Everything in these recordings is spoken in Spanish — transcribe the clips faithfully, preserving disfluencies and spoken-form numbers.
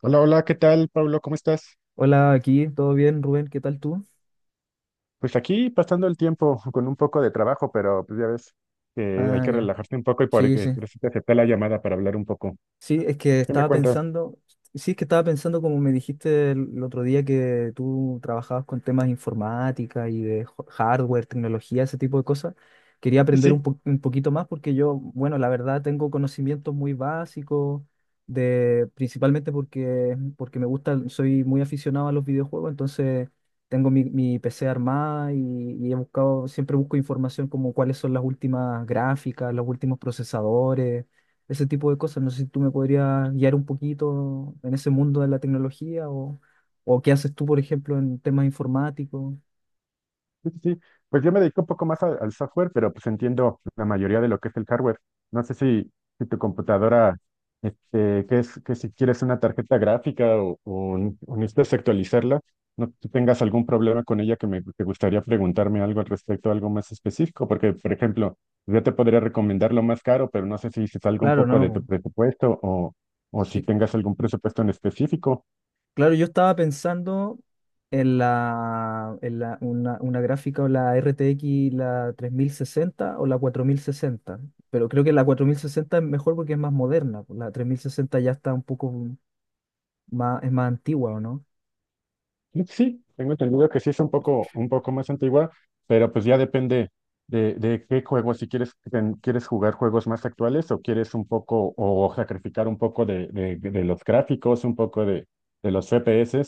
Hola, hola, ¿qué tal, Pablo? ¿Cómo estás? Hola, aquí, ¿todo bien, Rubén? ¿Qué tal tú? Pues aquí pasando el tiempo con un poco de trabajo, pero pues ya ves que hay Ah, que ya. relajarse un poco y por, Sí, eh, sí. por eso te acepté la llamada para hablar un poco. Sí, es que ¿Qué me estaba cuentas? pensando, sí, es que estaba pensando como me dijiste el, el otro día que tú trabajabas con temas de informática y de ho- hardware, tecnología, ese tipo de cosas. Quería Sí, aprender un, sí. po- un poquito más porque yo, bueno, la verdad tengo conocimientos muy básicos de, principalmente porque, porque me gusta, soy muy aficionado a los videojuegos. Entonces tengo mi, mi P C armada y, y he buscado, siempre busco información como cuáles son las últimas gráficas, los últimos procesadores, ese tipo de cosas. No sé si tú me podrías guiar un poquito en ese mundo de la tecnología, o, o qué haces tú, por ejemplo, en temas informáticos. Sí, sí, sí. Pues yo me dedico un poco más al, al software, pero pues entiendo la mayoría de lo que es el hardware. No sé si, si tu computadora, este, que es, que si quieres una tarjeta gráfica o, o un- o necesitas actualizarla, no tú tengas algún problema con ella que me que gustaría preguntarme algo al respecto, algo más específico. Porque, por ejemplo, yo te podría recomendar lo más caro, pero no sé si se salga un Claro, poco no, de tu po. presupuesto, o, o si Sí. tengas algún presupuesto en específico. Claro, yo estaba pensando en la, en la una, una gráfica, o la R T X, la tres mil sesenta o la cuatro mil sesenta, pero creo que la cuatro mil sesenta es mejor porque es más moderna. Po. La tres mil sesenta ya está un poco más, es más antigua, ¿o no? Creo que sí, tengo entendido que sí es un poco, un poco más antigua, pero pues ya depende de, de qué juego, si quieres, ten- quieres jugar juegos más actuales o quieres un poco, o sacrificar un poco de, de, de los gráficos, un poco de, de los F P S.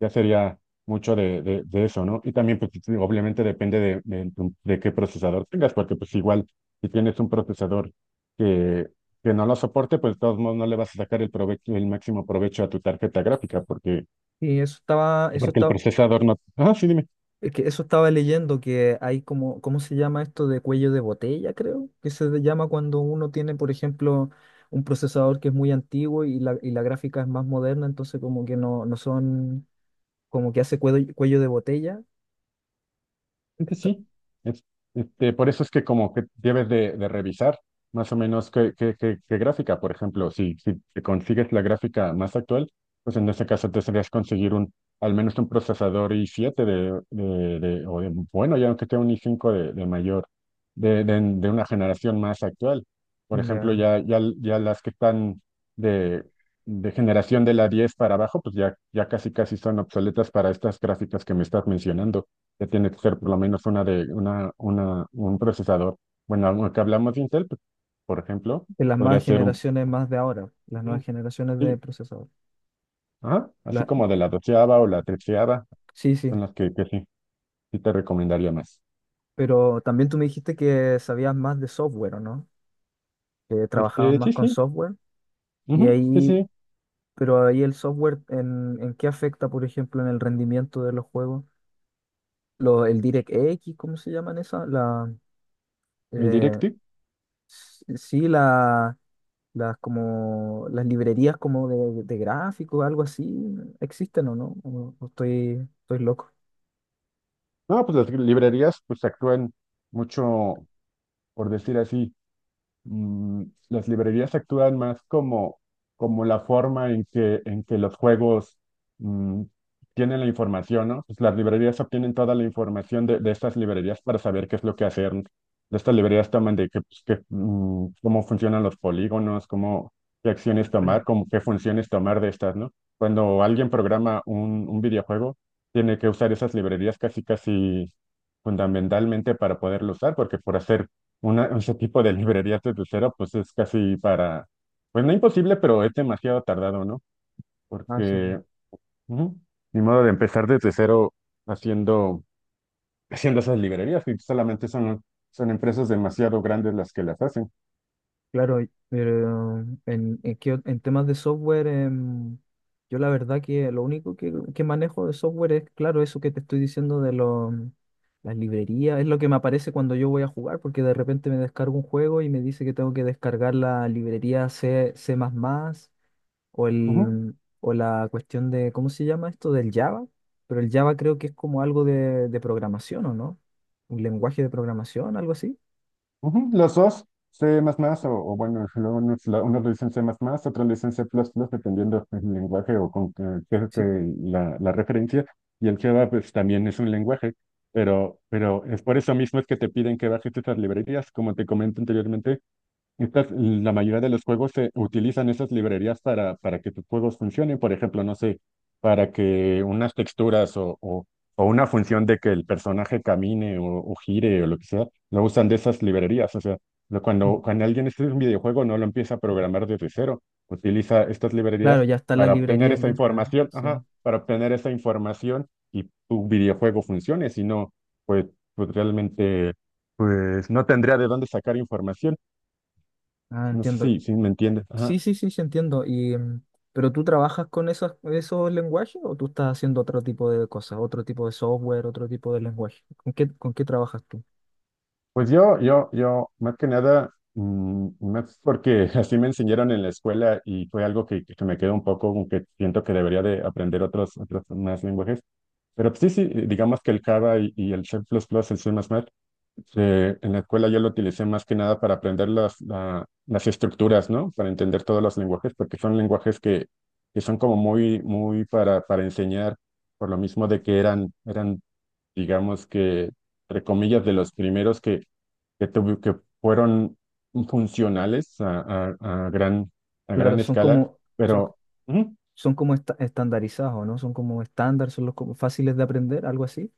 Ya sería mucho de, de, de eso, ¿no? Y también, pues, sí, obviamente depende de, de, tu- de qué procesador tengas, porque pues igual, si tienes un procesador que, que no lo soporte, pues de todos modos no le vas a sacar el provecho, el máximo provecho a tu tarjeta gráfica, porque Y eso estaba, eso porque el estaba, procesador no. Ah, sí, dime. Es que eso estaba leyendo que hay, como, ¿cómo se llama esto de cuello de botella, creo? Que se le llama cuando uno tiene, por ejemplo, un procesador que es muy antiguo y la, y la gráfica es más moderna. Entonces como que no, no son, como que hace cuello, cuello de botella. Realmente Está- sí. Es- este, por eso es que como que debes de, de revisar más o menos qué, qué, qué- qué gráfica. Por ejemplo, si, si te consigues la gráfica más actual, pues en ese caso te serías conseguir un, al menos un procesador i siete, de, de, de- o de, bueno, ya aunque sea un i cinco de, de mayor, de, de, de una generación más actual. Por ejemplo, ya. ya, ya, ya las que están de, de generación de la diez para abajo, pues ya, ya casi casi son obsoletas para estas gráficas que me estás mencionando, que tiene que ser por lo menos una de una, una, un procesador. Bueno, aunque hablamos de Intel, pues, por ejemplo, En las podría más ser un, generaciones más de ahora, las nuevas un- generaciones de sí, procesador. ajá, así La- como de la doceava o la treceava. sí, Son sí. las que, que sí, sí te recomendaría más. Pero también tú me dijiste que sabías más de software, ¿o no? Que trabajabas Este, más sí, con sí, software. Y ujú, sí, ahí sí, Pero ahí el software, ¿en, en qué afecta, por ejemplo, en el rendimiento de los juegos? Lo, el DirectX, ¿cómo se llaman esas? La, el eh, Directive. s- sí, la, las, como, las librerías como de, de gráficos, algo así, ¿existen o no? ¿O- o estoy, estoy loco? No, pues las librerías pues actúan mucho, por decir así. mm, las librerías actúan más como, como la forma en que, en que los juegos mm, tienen la información, ¿no? Pues las librerías obtienen toda la información de, de estas librerías para saber qué es lo que hacer. Estas librerías toman de que, pues, que, mm, cómo funcionan los polígonos, cómo, qué acciones tomar, cómo, qué funciones tomar de estas, ¿no? Cuando alguien programa un, un videojuego, tiene que usar esas librerías casi, casi fundamentalmente para poderlo usar, porque por hacer una, ese tipo de librerías desde cero, pues es casi para, pues no imposible, pero es demasiado tardado, ¿no? Ah, sí. Porque ujú, ni modo de empezar desde cero haciendo, haciendo esas librerías, y solamente son, son empresas demasiado grandes las que las hacen. Claro, y- pero en, en, qué en temas de software, em, yo la verdad que lo único que, que manejo de software es, claro, eso que te estoy diciendo de lo mm, las librerías, es lo que me aparece cuando yo voy a jugar, porque de repente me descargo un juego y me dice que tengo que descargar la librería C, C++ o, Ujú. el, o la cuestión de, ¿cómo se llama esto? Del Java, pero el Java creo que es como algo de, de programación, ¿o no? Un lenguaje de programación, algo así. Ujú, los dos, C++ o, o bueno, luego unos, la- unos lo dicen C++, otros le dicen C++, dependiendo del lenguaje o con que, que- Sí. que la, la referencia. Y el Java pues también es un lenguaje, pero, pero es por eso mismo es que te piden que bajes esas librerías. Como te comento anteriormente, estas, la mayoría de los juegos se utilizan esas librerías para, para que tus juegos funcionen. Por ejemplo, no sé, para que unas texturas o, o, o una función de que el personaje camine o, o gire o lo que sea, lo usan de esas librerías. O sea, lo- cuando, cuando alguien escribe un videojuego no lo empieza a programar desde cero, utiliza estas librerías Claro, ya están las para obtener librerías esa listas. información, ajá, Sí. para obtener esa información y tu videojuego funcione. Si no, pues, pues realmente, pues no tendría de dónde sacar información. Ah, No sé entiendo. si, si me entiendes. Ajá. Sí, sí, sí, sí, entiendo. Y, mm, ¿pero tú trabajas con esos, esos lenguajes o tú estás haciendo otro tipo de cosas, otro tipo de software, otro tipo de lenguaje? ¿Con qué, con qué trabajas tú? Pues yo, yo, yo, más que nada, mm, más porque así me enseñaron en la escuela y fue algo que, que me quedó un poco, aunque siento que debería de aprender otros, otros más lenguajes. Pero sí, sí, digamos que el Java y, y el C++, el C++, eh, en la escuela yo lo utilicé más que nada para aprender las, la- las estructuras, ¿no? Para entender todos los lenguajes, porque son lenguajes que, que son como muy, muy para, para enseñar, por lo mismo de que eran, eran digamos que, entre comillas, de los primeros que, que, tuvi- que fueron funcionales a, a- a gran, a Claro, gran son escala, como, son, pero ujú, son como esta- estandarizados, ¿no? Son como estándar, son los como fáciles de aprender, algo así,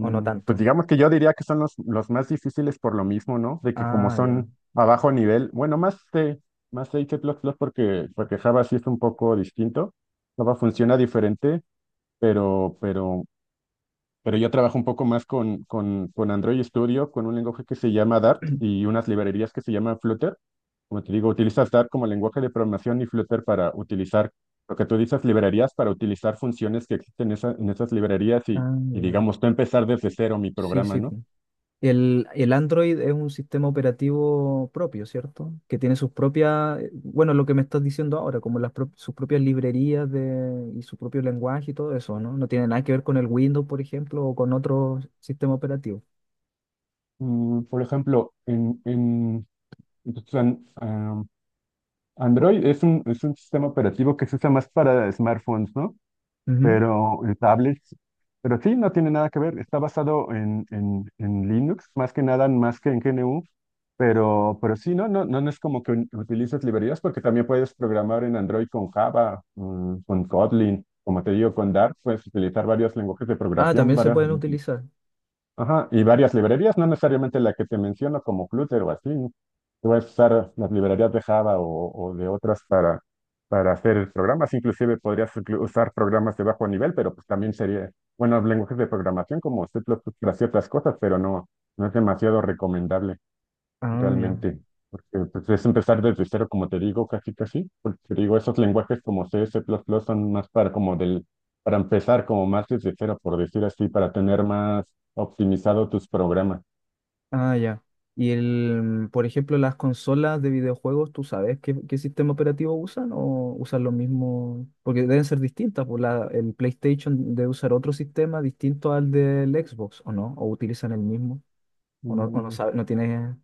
o no pues tanto. digamos que yo diría que son los, los más difíciles por lo mismo, ¿no? De que como Ah, ya. son a bajo nivel. Bueno, más C, más C++ y C++ porque, porque Java sí es un poco distinto, Java funciona diferente, pero, pero pero yo trabajo un poco más con, con, con Android Studio, con un lenguaje que se llama Dart y unas librerías que se llaman Flutter. Como te digo, utilizas Dart como lenguaje de programación y Flutter para utilizar lo que tú dices, librerías, para utilizar funciones que existen en, esa- en esas librerías y, Ah, y, ya. digamos, tú empezar desde cero mi Sí, programa, sí. ¿no? El, el Android es un sistema operativo propio, ¿cierto? Que tiene sus propias, eh, bueno, lo que me estás diciendo ahora, como las prop- sus propias librerías de, y su propio lenguaje y todo eso, ¿no? No tiene nada que ver con el Windows, por ejemplo, o con otro sistema operativo. Mm, por ejemplo, en, en entonces, an- am, Android es un, es un sistema operativo que se usa más para smartphones, ¿no? Ujú. Pero eh, tablets. Pero sí, no tiene nada que ver, está basado en, en, en Linux, más que nada, más que en G N U. Pero, pero sí, no, no, no, no es como que un- utilices librerías, porque también puedes programar en Android con Java, mm, con Kotlin, como te digo, con Dart. Puedes utilizar varios lenguajes de Ah, programación, también se varias, pueden utilizar. ajá, y varias librerías, no necesariamente la que te menciono como Flutter o así, ¿no? A usar las librerías de Java o, o de otras para, para hacer programas. Inclusive podrías inclu- usar programas de bajo nivel, pero pues también sería, bueno, lenguajes de programación como C++ para ciertas cosas, pero no, no es demasiado recomendable Ah, ya. realmente, porque pues, es empezar desde cero, como te digo, casi casi. Porque te digo, esos lenguajes como C, C++ son más para como del, para empezar como más desde cero, por decir así, para tener más optimizado tus programas. Ah, ya. Y el, por ejemplo, las consolas de videojuegos, ¿tú sabes qué, qué sistema operativo usan o usan lo mismo? Porque deben ser distintas, pues la, el PlayStation debe usar otro sistema distinto al del Xbox, ¿o no? ¿O utilizan el mismo? ¿O no, o no Mm, sabe- ¿No tienes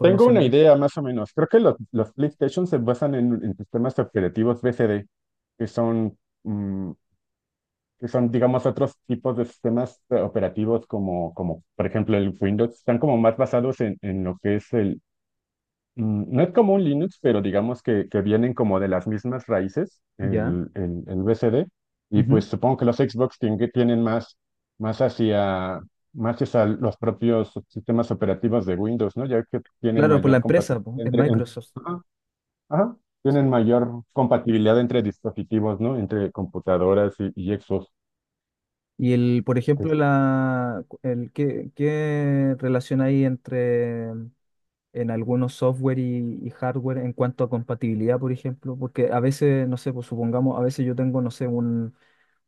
Tengo una de? idea más o menos. Creo que los, los PlayStation se basan en, en sistemas operativos B C D, que son, mm, que son, digamos, otros tipos de sistemas eh, operativos como, como, por ejemplo, el Windows. Están como más basados en, en lo que es el, Mm, No es como un Linux, pero digamos que, que vienen como de las mismas raíces, Ya. el, el, el B C D. Y Ujú. pues supongo que los Xbox tien- que tienen más, más hacia, más hacia los propios sistemas operativos de Windows, ¿no? Ya que tienen Claro, por la mayor empresa, compatibilidad pues, es entre, en- Microsoft. ajá, ajá, tienen Sí. mayor compatibilidad entre dispositivos, ¿no? Entre computadoras y, y Xbox. Y el, por Es ejemplo, la, el, ¿qué, qué relación hay entre en algunos software y, y hardware en cuanto a compatibilidad, por ejemplo, porque a veces, no sé, pues supongamos, a veces yo tengo, no sé, un,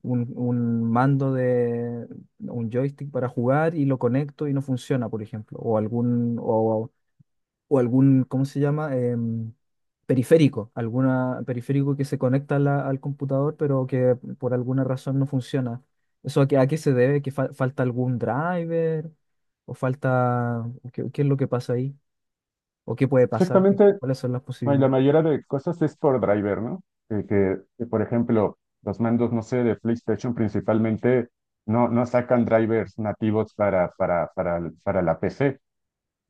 un, un mando de un joystick para jugar y lo conecto y no funciona, por ejemplo, o algún, o, o algún, ¿cómo se llama? Em, periférico, alguna periférico que se conecta a la- al computador, pero que por alguna razón no funciona. ¿Eso a qué, a qué se debe? ¿Que fal- falta algún driver? ¿O falta? ¿Qué, qué es lo que pasa ahí? O qué puede pasar, qué- Exactamente. cuáles son las Bueno, y la posibilidades. mayoría de cosas es por driver, ¿no? Eh, que, que, por ejemplo, los mandos, no sé, de PlayStation principalmente no, no sacan drivers nativos para, para, para, para la P C.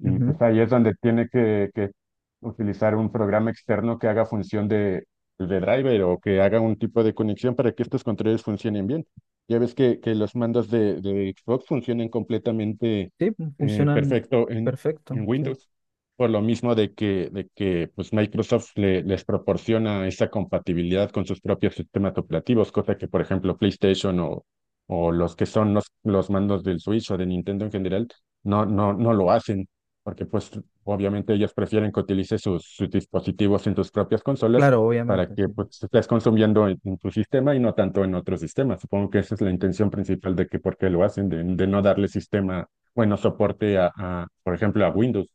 Y Ujú. pues ahí es donde tiene que, que utilizar un programa externo que haga función de, de driver, o que haga un tipo de conexión para que estos controles funcionen bien. Ya ves que, que los mandos de, de Xbox funcionan completamente Sí, pues, eh, funcionan perfecto en, perfecto, en sí. Windows, por lo mismo de que, de que pues Microsoft le- les proporciona esa compatibilidad con sus propios sistemas operativos, cosa que por ejemplo PlayStation o, o los que son los, los mandos del Switch o de Nintendo en general no, no, no lo hacen, porque pues obviamente ellos prefieren que utilices sus, sus dispositivos en tus propias consolas, Claro, para obviamente, que sí. pues estés consumiendo en, en tu sistema y no tanto en otro sistema. Supongo que esa es la intención principal de que por qué lo hacen, de, de no darle sistema, bueno, soporte a, a, por ejemplo, a Windows.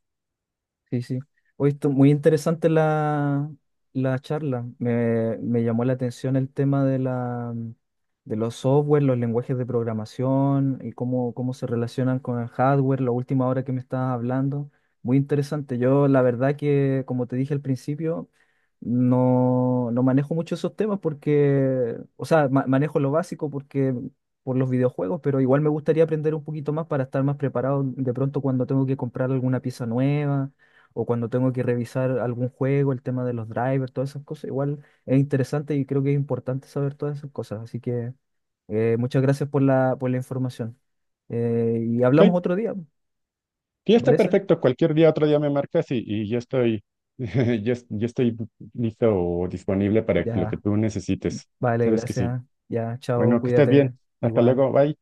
Sí, sí. Hoy estu- muy interesante la, la charla. Me, me llamó la atención el tema de la, de los software, los lenguajes de programación y cómo, cómo se relacionan con el hardware, la última hora que me estabas hablando. Muy interesante. Yo, la verdad que, como te dije al principio, no, no manejo mucho esos temas porque, o sea, ma- manejo lo básico porque por los videojuegos, pero igual me gustaría aprender un poquito más para estar más preparado de pronto cuando tengo que comprar alguna pieza nueva o cuando tengo que revisar algún juego, el tema de los drivers, todas esas cosas, igual es interesante y creo que es importante saber todas esas cosas. Así que eh, muchas gracias por la, por la información. Eh, y Ok, hablamos otro día, ¿te sí, está parece? perfecto, cualquier día, otro día me marcas y, y yo estoy, yo, es- yo estoy listo o disponible para lo que Ya, tú necesites. vale, Sabes que sí. gracias. Ya, chao, Bueno, que estés bien. cuídate, Hasta igual. luego, bye.